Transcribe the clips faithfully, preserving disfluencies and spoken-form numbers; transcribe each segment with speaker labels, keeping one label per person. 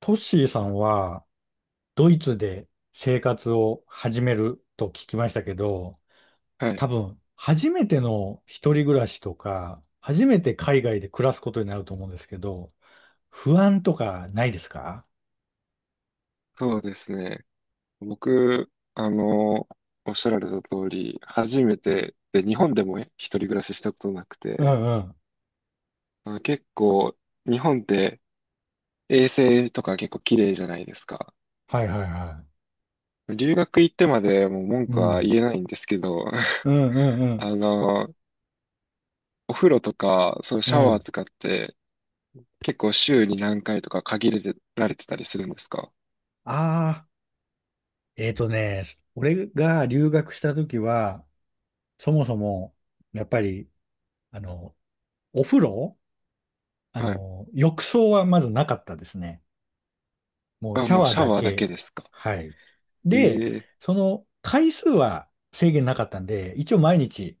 Speaker 1: トッシーさんはドイツで生活を始めると聞きましたけど、
Speaker 2: はい、
Speaker 1: 多分初めての一人暮らしとか、初めて海外で暮らすことになると思うんですけど、不安とかないですか？
Speaker 2: そうですね。僕、あの、おっしゃられた通り、初めて、で、日本でもね一人暮らししたことなく
Speaker 1: う
Speaker 2: て、
Speaker 1: んうん。
Speaker 2: まあ、結構、日本って衛生とか結構綺麗じゃないですか。
Speaker 1: はいはいは
Speaker 2: 留学行ってまでもう文
Speaker 1: い。う
Speaker 2: 句は
Speaker 1: ん。
Speaker 2: 言えないんですけど、
Speaker 1: うんうんう ん。
Speaker 2: あの、お風呂とか、そう、
Speaker 1: う
Speaker 2: シャワー
Speaker 1: ん。
Speaker 2: とかって結構週に何回とか限られてたりするんですか？
Speaker 1: ああ、えっとね、俺が留学した時は、そもそも、やっぱり、あの、お風呂、あ
Speaker 2: はい。
Speaker 1: の、浴槽はまずなかったですね。もう
Speaker 2: あ、
Speaker 1: シャ
Speaker 2: もう
Speaker 1: ワー
Speaker 2: シャ
Speaker 1: だ
Speaker 2: ワーだけ
Speaker 1: け。
Speaker 2: ですか。
Speaker 1: はい。で、
Speaker 2: ええ。
Speaker 1: その回数は制限なかったんで、一応毎日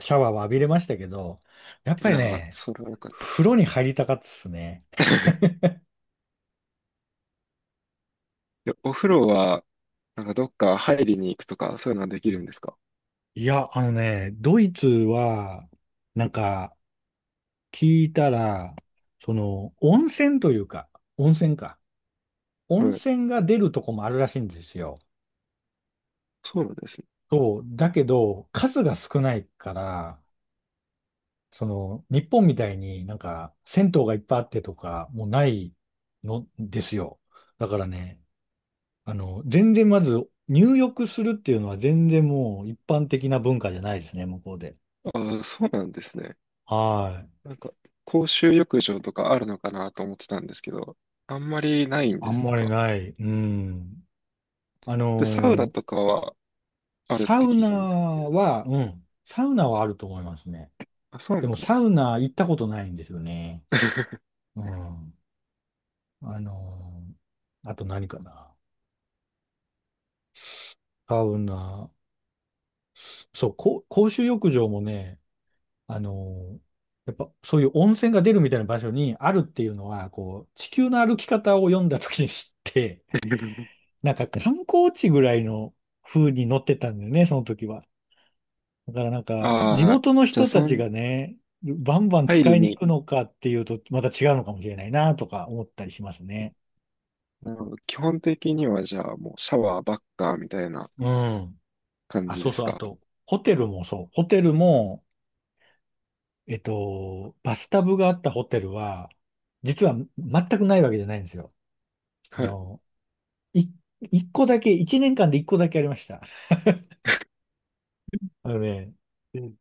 Speaker 1: シャワーは浴びれましたけど、やっ
Speaker 2: い
Speaker 1: ぱり
Speaker 2: やー、
Speaker 1: ね、
Speaker 2: それはよかった。
Speaker 1: 風呂に入りたかったですね。
Speaker 2: でお風呂は、なんかどっか入りに行くとか、そういうのはでき
Speaker 1: う
Speaker 2: るん
Speaker 1: ん。
Speaker 2: ですか？
Speaker 1: いや、あのね、ドイツは、なんか、聞いたら、その、温泉というか、温泉か。温
Speaker 2: はい。
Speaker 1: 泉が出るとこもあるらしいんですよ。
Speaker 2: そうなんですね。
Speaker 1: そう。だけど、数が少ないから、その、日本みたいになんか、銭湯がいっぱいあってとか、もうないのですよ。だからね、あの、全然まず、入浴するっていうのは全然もう一般的な文化じゃないですね、向こうで。
Speaker 2: ああ、そうなんですね。
Speaker 1: はい。
Speaker 2: なんか、公衆浴場とかあるのかなと思ってたんですけど、あんまりないん
Speaker 1: あ
Speaker 2: で
Speaker 1: ん
Speaker 2: す
Speaker 1: まり
Speaker 2: か？
Speaker 1: ない。うん。あ
Speaker 2: で、サウナ
Speaker 1: のー
Speaker 2: とかはあるっ
Speaker 1: サ
Speaker 2: て
Speaker 1: ウ
Speaker 2: 聞い
Speaker 1: ナ
Speaker 2: たんです。
Speaker 1: は、うん。サウナはあると思いますね。
Speaker 2: あ、そうな
Speaker 1: でも
Speaker 2: んで
Speaker 1: サウ
Speaker 2: す。
Speaker 1: ナ行ったことないんですよね。うん。あのーあと何かな。サウナ。そう、こ公衆浴場もね、あの、やっぱそういう温泉が出るみたいな場所にあるっていうのは、こう、地球の歩き方を読んだ時に知って、なんか観光地ぐらいの風に乗ってたんだよね、その時は。だからなんか、地
Speaker 2: ああ、
Speaker 1: 元の
Speaker 2: じゃあ、
Speaker 1: 人た
Speaker 2: そ
Speaker 1: ち
Speaker 2: の、
Speaker 1: がね、バンバン
Speaker 2: 入
Speaker 1: 使
Speaker 2: り
Speaker 1: いに行
Speaker 2: に、
Speaker 1: くのかっていうと、また違うのかもしれないなとか思ったりしますね。
Speaker 2: もう基本的にはじゃあもうシャワーばっかみたいな
Speaker 1: うん。
Speaker 2: 感
Speaker 1: あ、
Speaker 2: じ
Speaker 1: そう
Speaker 2: です
Speaker 1: そう。あ
Speaker 2: か？
Speaker 1: と、ホテルもそう。ホテルも、えっと、バスタブがあったホテルは、実は全くないわけじゃないんですよ。あ
Speaker 2: は
Speaker 1: のい、一個だけ、一年間で一個だけありました。あのね、
Speaker 2: い。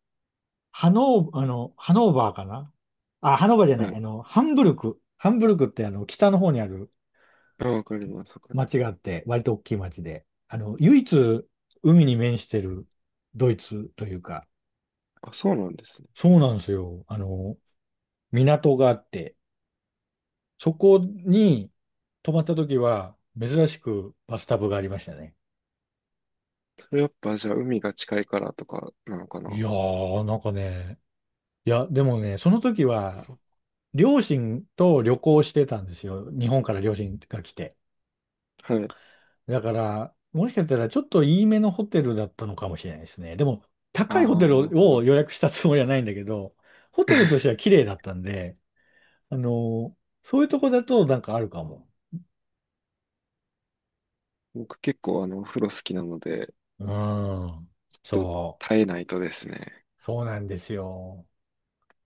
Speaker 1: ハノー、あの、ハノーバーかな。あ、ハノーバーじゃ
Speaker 2: は
Speaker 1: ない、
Speaker 2: い。
Speaker 1: あの、ハンブルク。ハンブルクってあの、北の方にある
Speaker 2: あ、わかります。わかりま
Speaker 1: 町があ
Speaker 2: す。
Speaker 1: って、割と大きい町で、あの、唯一海に面してるドイツというか、
Speaker 2: あ、そうなんですね。
Speaker 1: そうなんですよ。あの、港があって、そこに泊まった時は、珍しくバスタブがありましたね。
Speaker 2: それやっぱじゃあ海が近いからとかなのかな。
Speaker 1: いやー、なんかね、いや、でもね、その時は、
Speaker 2: そう。
Speaker 1: 両親と旅行してたんですよ。日本から両親が来て。
Speaker 2: はい。
Speaker 1: だから、もしかしたらちょっといいめのホテルだったのかもしれないですね。でも、
Speaker 2: あ
Speaker 1: 高いホテ
Speaker 2: あ、なる
Speaker 1: ル
Speaker 2: ほ
Speaker 1: を
Speaker 2: ど。
Speaker 1: 予約したつもりはないんだけど、ホテルとしては 綺麗だったんで、あの、そういうとこだとなんかあるかも。
Speaker 2: 僕結構あの、お風呂好きなので、
Speaker 1: うん。
Speaker 2: と、
Speaker 1: そ
Speaker 2: 耐えないとですね。
Speaker 1: う。そうなんですよ。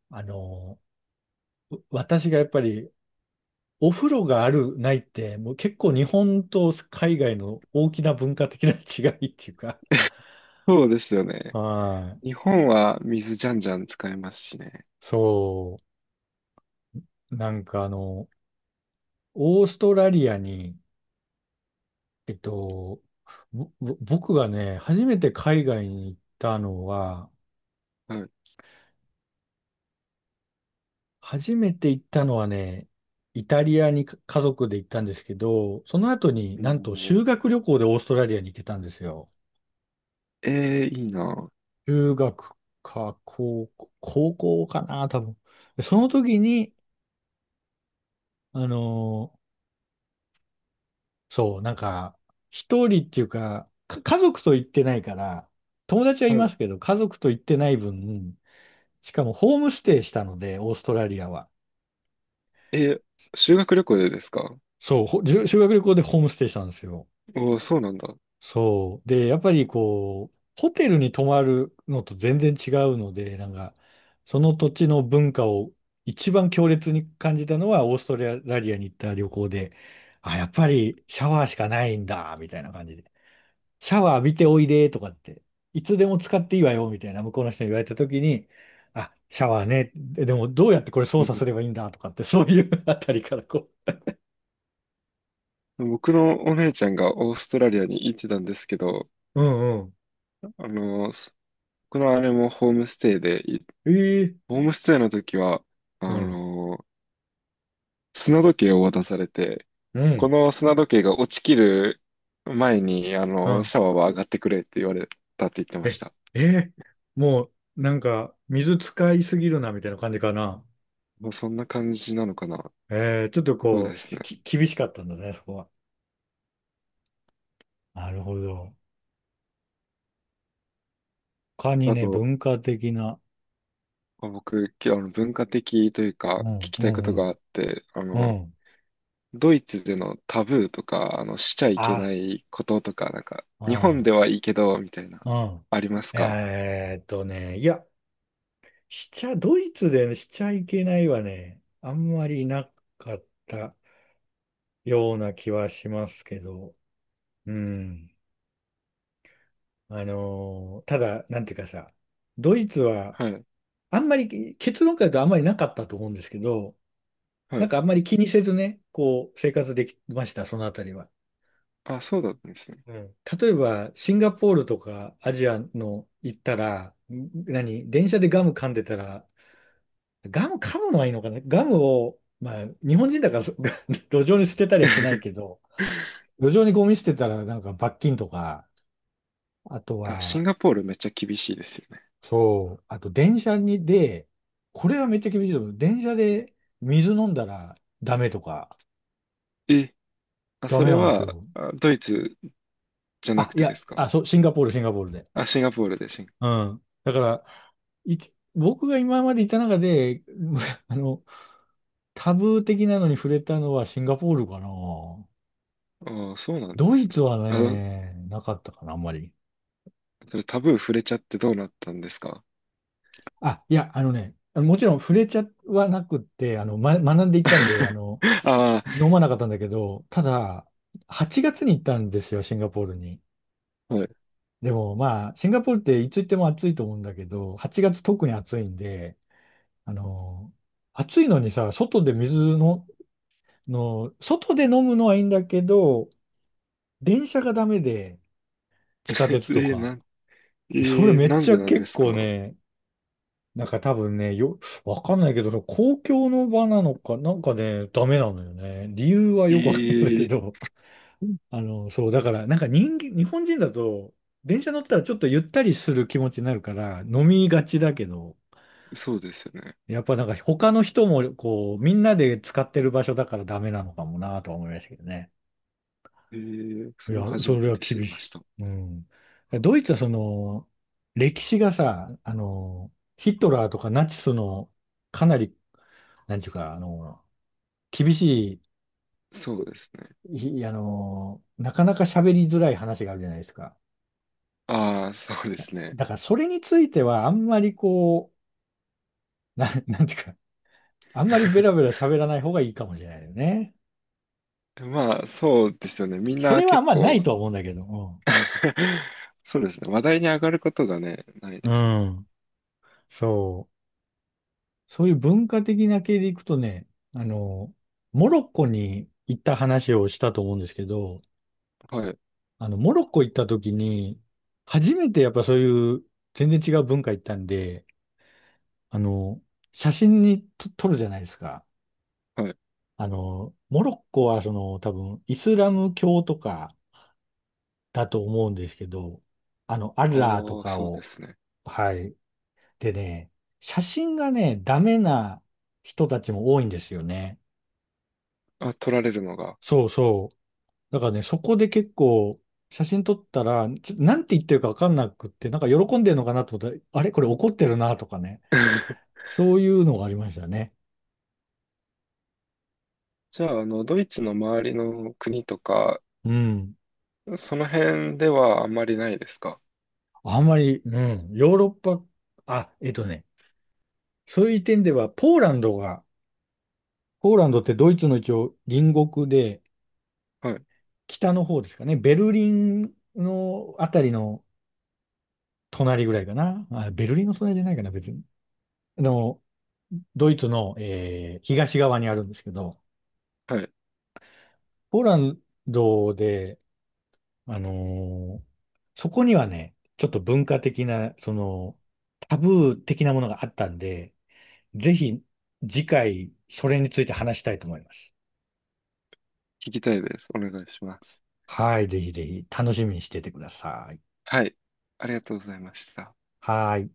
Speaker 1: あの、う私がやっぱりお風呂がある、ないって、もう結構日本と海外の大きな文化的な違いっていうか、
Speaker 2: そうですよね。
Speaker 1: はい。
Speaker 2: 日本は水じゃんじゃん使えますしね。
Speaker 1: そう、なんかあの、オーストラリアに、えっと、ぼぼ僕がね、初めて海外に行ったのは、
Speaker 2: はい。
Speaker 1: 初めて行ったのはね、イタリアにか家族で行ったんですけど、その後に
Speaker 2: お
Speaker 1: なんと
Speaker 2: ー。
Speaker 1: 修学旅行でオーストラリアに行ってたんですよ。
Speaker 2: えー、いいな。
Speaker 1: 中学か高校、高校かな、多分。でその時に、あのそう、なんか、一人っていうか、か、家族と行ってないから、友達はい
Speaker 2: はい。
Speaker 1: ますけど、家族と行ってない分、しかもホームステイしたので、オーストラリアは。
Speaker 2: えー、修学旅行でですか？
Speaker 1: そう、ほ修修学旅行でホームステイしたんですよ。
Speaker 2: おおー、そうなんだ。
Speaker 1: そう。で、やっぱりこう、ホテルに泊まるのと全然違うので、なんか、その土地の文化を一番強烈に感じたのは、オーストラリアに行った旅行で、あ、やっぱりシャワーしかないんだ、みたいな感じで。シャワー浴びておいでとかって、いつでも使っていいわよみたいな向こうの人に言われた時に、あ、シャワーね、ででもどうやってこれ操
Speaker 2: う
Speaker 1: 作す
Speaker 2: ん。
Speaker 1: ればいいんだとかって、そういう あたりから、こ
Speaker 2: 僕のお姉ちゃんがオーストラリアに行ってたんですけど、
Speaker 1: う、うんうん、
Speaker 2: あの、僕のあれもホームステイで、い
Speaker 1: ええ、
Speaker 2: ホームステイの時は、
Speaker 1: う
Speaker 2: あ
Speaker 1: ん、
Speaker 2: の、砂時計を渡されて、
Speaker 1: う
Speaker 2: こ
Speaker 1: ん、
Speaker 2: の砂時計が落ちきる前に、あ
Speaker 1: う
Speaker 2: の、
Speaker 1: ん、
Speaker 2: シャワーは上がってくれって言われたって言ってまし
Speaker 1: え、
Speaker 2: た。
Speaker 1: ええ。もうなんか水使いすぎるなみたいな感じかな。
Speaker 2: もうそんな感じなのかな。
Speaker 1: ええ、ちょっと
Speaker 2: そうで
Speaker 1: こ
Speaker 2: す
Speaker 1: う、
Speaker 2: ね。
Speaker 1: き、厳しかったんだね、そこは。なるほど。他に
Speaker 2: あ
Speaker 1: ね、
Speaker 2: と、
Speaker 1: 文化的な、
Speaker 2: まあ僕、きあの、文化的というか、
Speaker 1: う
Speaker 2: 聞
Speaker 1: ん、
Speaker 2: き
Speaker 1: う
Speaker 2: たいこ
Speaker 1: ん、う
Speaker 2: とがあって、あ
Speaker 1: ん、う
Speaker 2: の、
Speaker 1: ん、
Speaker 2: ドイツでのタブーとか、あの、しちゃいけ
Speaker 1: あ、
Speaker 2: ないこととか、なんか、日
Speaker 1: あ
Speaker 2: 本で
Speaker 1: あ。
Speaker 2: はいいけど、みたいな、
Speaker 1: うん。
Speaker 2: ありますか？
Speaker 1: えーっとね、いや、しちゃ、ドイツでねしちゃいけないはね、あんまりなかったような気はしますけど、うん。あのーただ、なんていうかさ、ドイツは、
Speaker 2: はい。
Speaker 1: あんまり、結論から言うとあんまりなかったと思うんですけど、
Speaker 2: は
Speaker 1: なん
Speaker 2: い。
Speaker 1: かあんまり気にせずね、こう、生活できました、そのあたりは。
Speaker 2: あ、そうだったんですね。
Speaker 1: うん。例えば、シンガポールとかアジアの行ったら、ん何、電車でガム噛んでたら、ガム噛むのはいいのかな。ガムを、まあ、日本人だからそ 路上に捨てたりはしないけど、路上にゴミ捨てたらなんか罰金とか、あと
Speaker 2: あ、シ
Speaker 1: は、
Speaker 2: ンガポールめっちゃ厳しいですよね。
Speaker 1: そう、あと電車にで、これはめっちゃ厳しいと思う。電車で水飲んだらダメとか、
Speaker 2: え、あ、
Speaker 1: ダ
Speaker 2: そ
Speaker 1: メ
Speaker 2: れ
Speaker 1: なんです
Speaker 2: は、
Speaker 1: よ。
Speaker 2: あドイツじゃな
Speaker 1: あ、
Speaker 2: く
Speaker 1: い
Speaker 2: てで
Speaker 1: や、
Speaker 2: すか？
Speaker 1: あ、そう、シンガポール、シンガポールで。
Speaker 2: あ、シンガポールでシン、
Speaker 1: うん。だから、いち僕が今までいた中で、あの、タブー的なのに触れたのはシンガポールかな。
Speaker 2: ああ、そうなんで
Speaker 1: ドイ
Speaker 2: すね。
Speaker 1: ツは
Speaker 2: あ、
Speaker 1: ね、なかったかな、あんまり。
Speaker 2: それタブー触れちゃってどうなったんですか？
Speaker 1: あ、いや、あのね、もちろん触れちゃはなくって、あの、ま、学んでいったんで、あの、
Speaker 2: あ
Speaker 1: 飲まなかったんだけど、ただ、はちがつに行ったんですよ、シンガポールに。
Speaker 2: あ、はい。
Speaker 1: でも、まあ、シンガポールっていつ行っても暑いと思うんだけど、はちがつ特に暑いんで、あの、暑いのにさ、外で水の、の、外で飲むのはいいんだけど、電車がダメで、
Speaker 2: え
Speaker 1: 地下鉄と
Speaker 2: ー、
Speaker 1: か。
Speaker 2: なん、え
Speaker 1: それ
Speaker 2: ー
Speaker 1: めっ
Speaker 2: なん
Speaker 1: ち
Speaker 2: で
Speaker 1: ゃ
Speaker 2: なんで
Speaker 1: 結
Speaker 2: す
Speaker 1: 構
Speaker 2: か？
Speaker 1: ね、なんか多分ね、よ、わかんないけど、その公共の場なのか、なんかね、ダメなのよね。理由は
Speaker 2: え
Speaker 1: よくわかんないけ
Speaker 2: ー。
Speaker 1: ど、あの、そう、だから、なんか人間、日本人だと、電車乗ったらちょっとゆったりする気持ちになるから、飲みがちだけど、
Speaker 2: そうですよね。
Speaker 1: やっぱなんか他の人も、こう、みんなで使ってる場所だからダメなのかもなとは思いましたけどね。
Speaker 2: えー
Speaker 1: い
Speaker 2: そ
Speaker 1: や、
Speaker 2: れは初
Speaker 1: そ
Speaker 2: め
Speaker 1: れは
Speaker 2: て知
Speaker 1: 厳
Speaker 2: りま
Speaker 1: しい。
Speaker 2: した。
Speaker 1: うん。ドイツはその、歴史がさ、あの、ヒトラーとかナチスの、かなり、なんていうか、あの、厳し
Speaker 2: そうですね。
Speaker 1: い、ひあの、なかなか喋りづらい話があるじゃないですか。
Speaker 2: ああ、そうですね。
Speaker 1: だからそれについてはあんまりこう、な、なんていうか、あんまりベラベ ラ喋らない方がいいかもしれないよね。
Speaker 2: まあ、そうですよね。みん
Speaker 1: そ
Speaker 2: な
Speaker 1: れはあん
Speaker 2: 結
Speaker 1: まない
Speaker 2: 構、
Speaker 1: とは思うんだけど、
Speaker 2: そうですね。話題に上がることがね、ない
Speaker 1: う
Speaker 2: で
Speaker 1: ん。
Speaker 2: すね。
Speaker 1: うん。そう。そういう文化的な系でいくとね、あの、モロッコに行った話をしたと思うんですけど、
Speaker 2: はい。
Speaker 1: あの、モロッコ行った時に、初めてやっぱそういう全然違う文化行ったんで、あの、写真にと撮るじゃないですか。
Speaker 2: はい。
Speaker 1: あの、モロッコはその多分イスラム教とかだと思うんですけど、あの、アッ
Speaker 2: あ
Speaker 1: ラーと
Speaker 2: あ、
Speaker 1: か
Speaker 2: そうで
Speaker 1: を、
Speaker 2: すね。
Speaker 1: はい。でね、写真がね、ダメな人たちも多いんですよね。
Speaker 2: あ、取られるのが。
Speaker 1: そうそう。だからね、そこで結構写真撮ったら、ちょ、なんて言ってるかわかんなくって、なんか喜んでるのかなと思ったら、あれこれ怒ってるなとかね。そういうのがありましたね。
Speaker 2: じゃあ、あの、ドイツの周りの国とか、
Speaker 1: うん。
Speaker 2: その辺ではあんまりないですか？
Speaker 1: あんまり、うん、ヨーロッパ、あ、えっとね、そういう点では、ポーランドが、ポーランドってドイツの一応隣国で、
Speaker 2: はい。
Speaker 1: 北の方ですかね、ベルリンのあたりの隣ぐらいかな。あ、ベルリンの隣じゃないかな、別に。あの、ドイツの、えー東側にあるんですけど、
Speaker 2: はい。
Speaker 1: ポーランドで、あのーそこにはね、ちょっと文化的な、その、タブー的なものがあったんで、ぜひ次回、それについて話したいと思います。
Speaker 2: 聞きたいです。お願いします。
Speaker 1: はい、ぜひぜひ楽しみにしててください。
Speaker 2: はい。ありがとうございました。
Speaker 1: はい。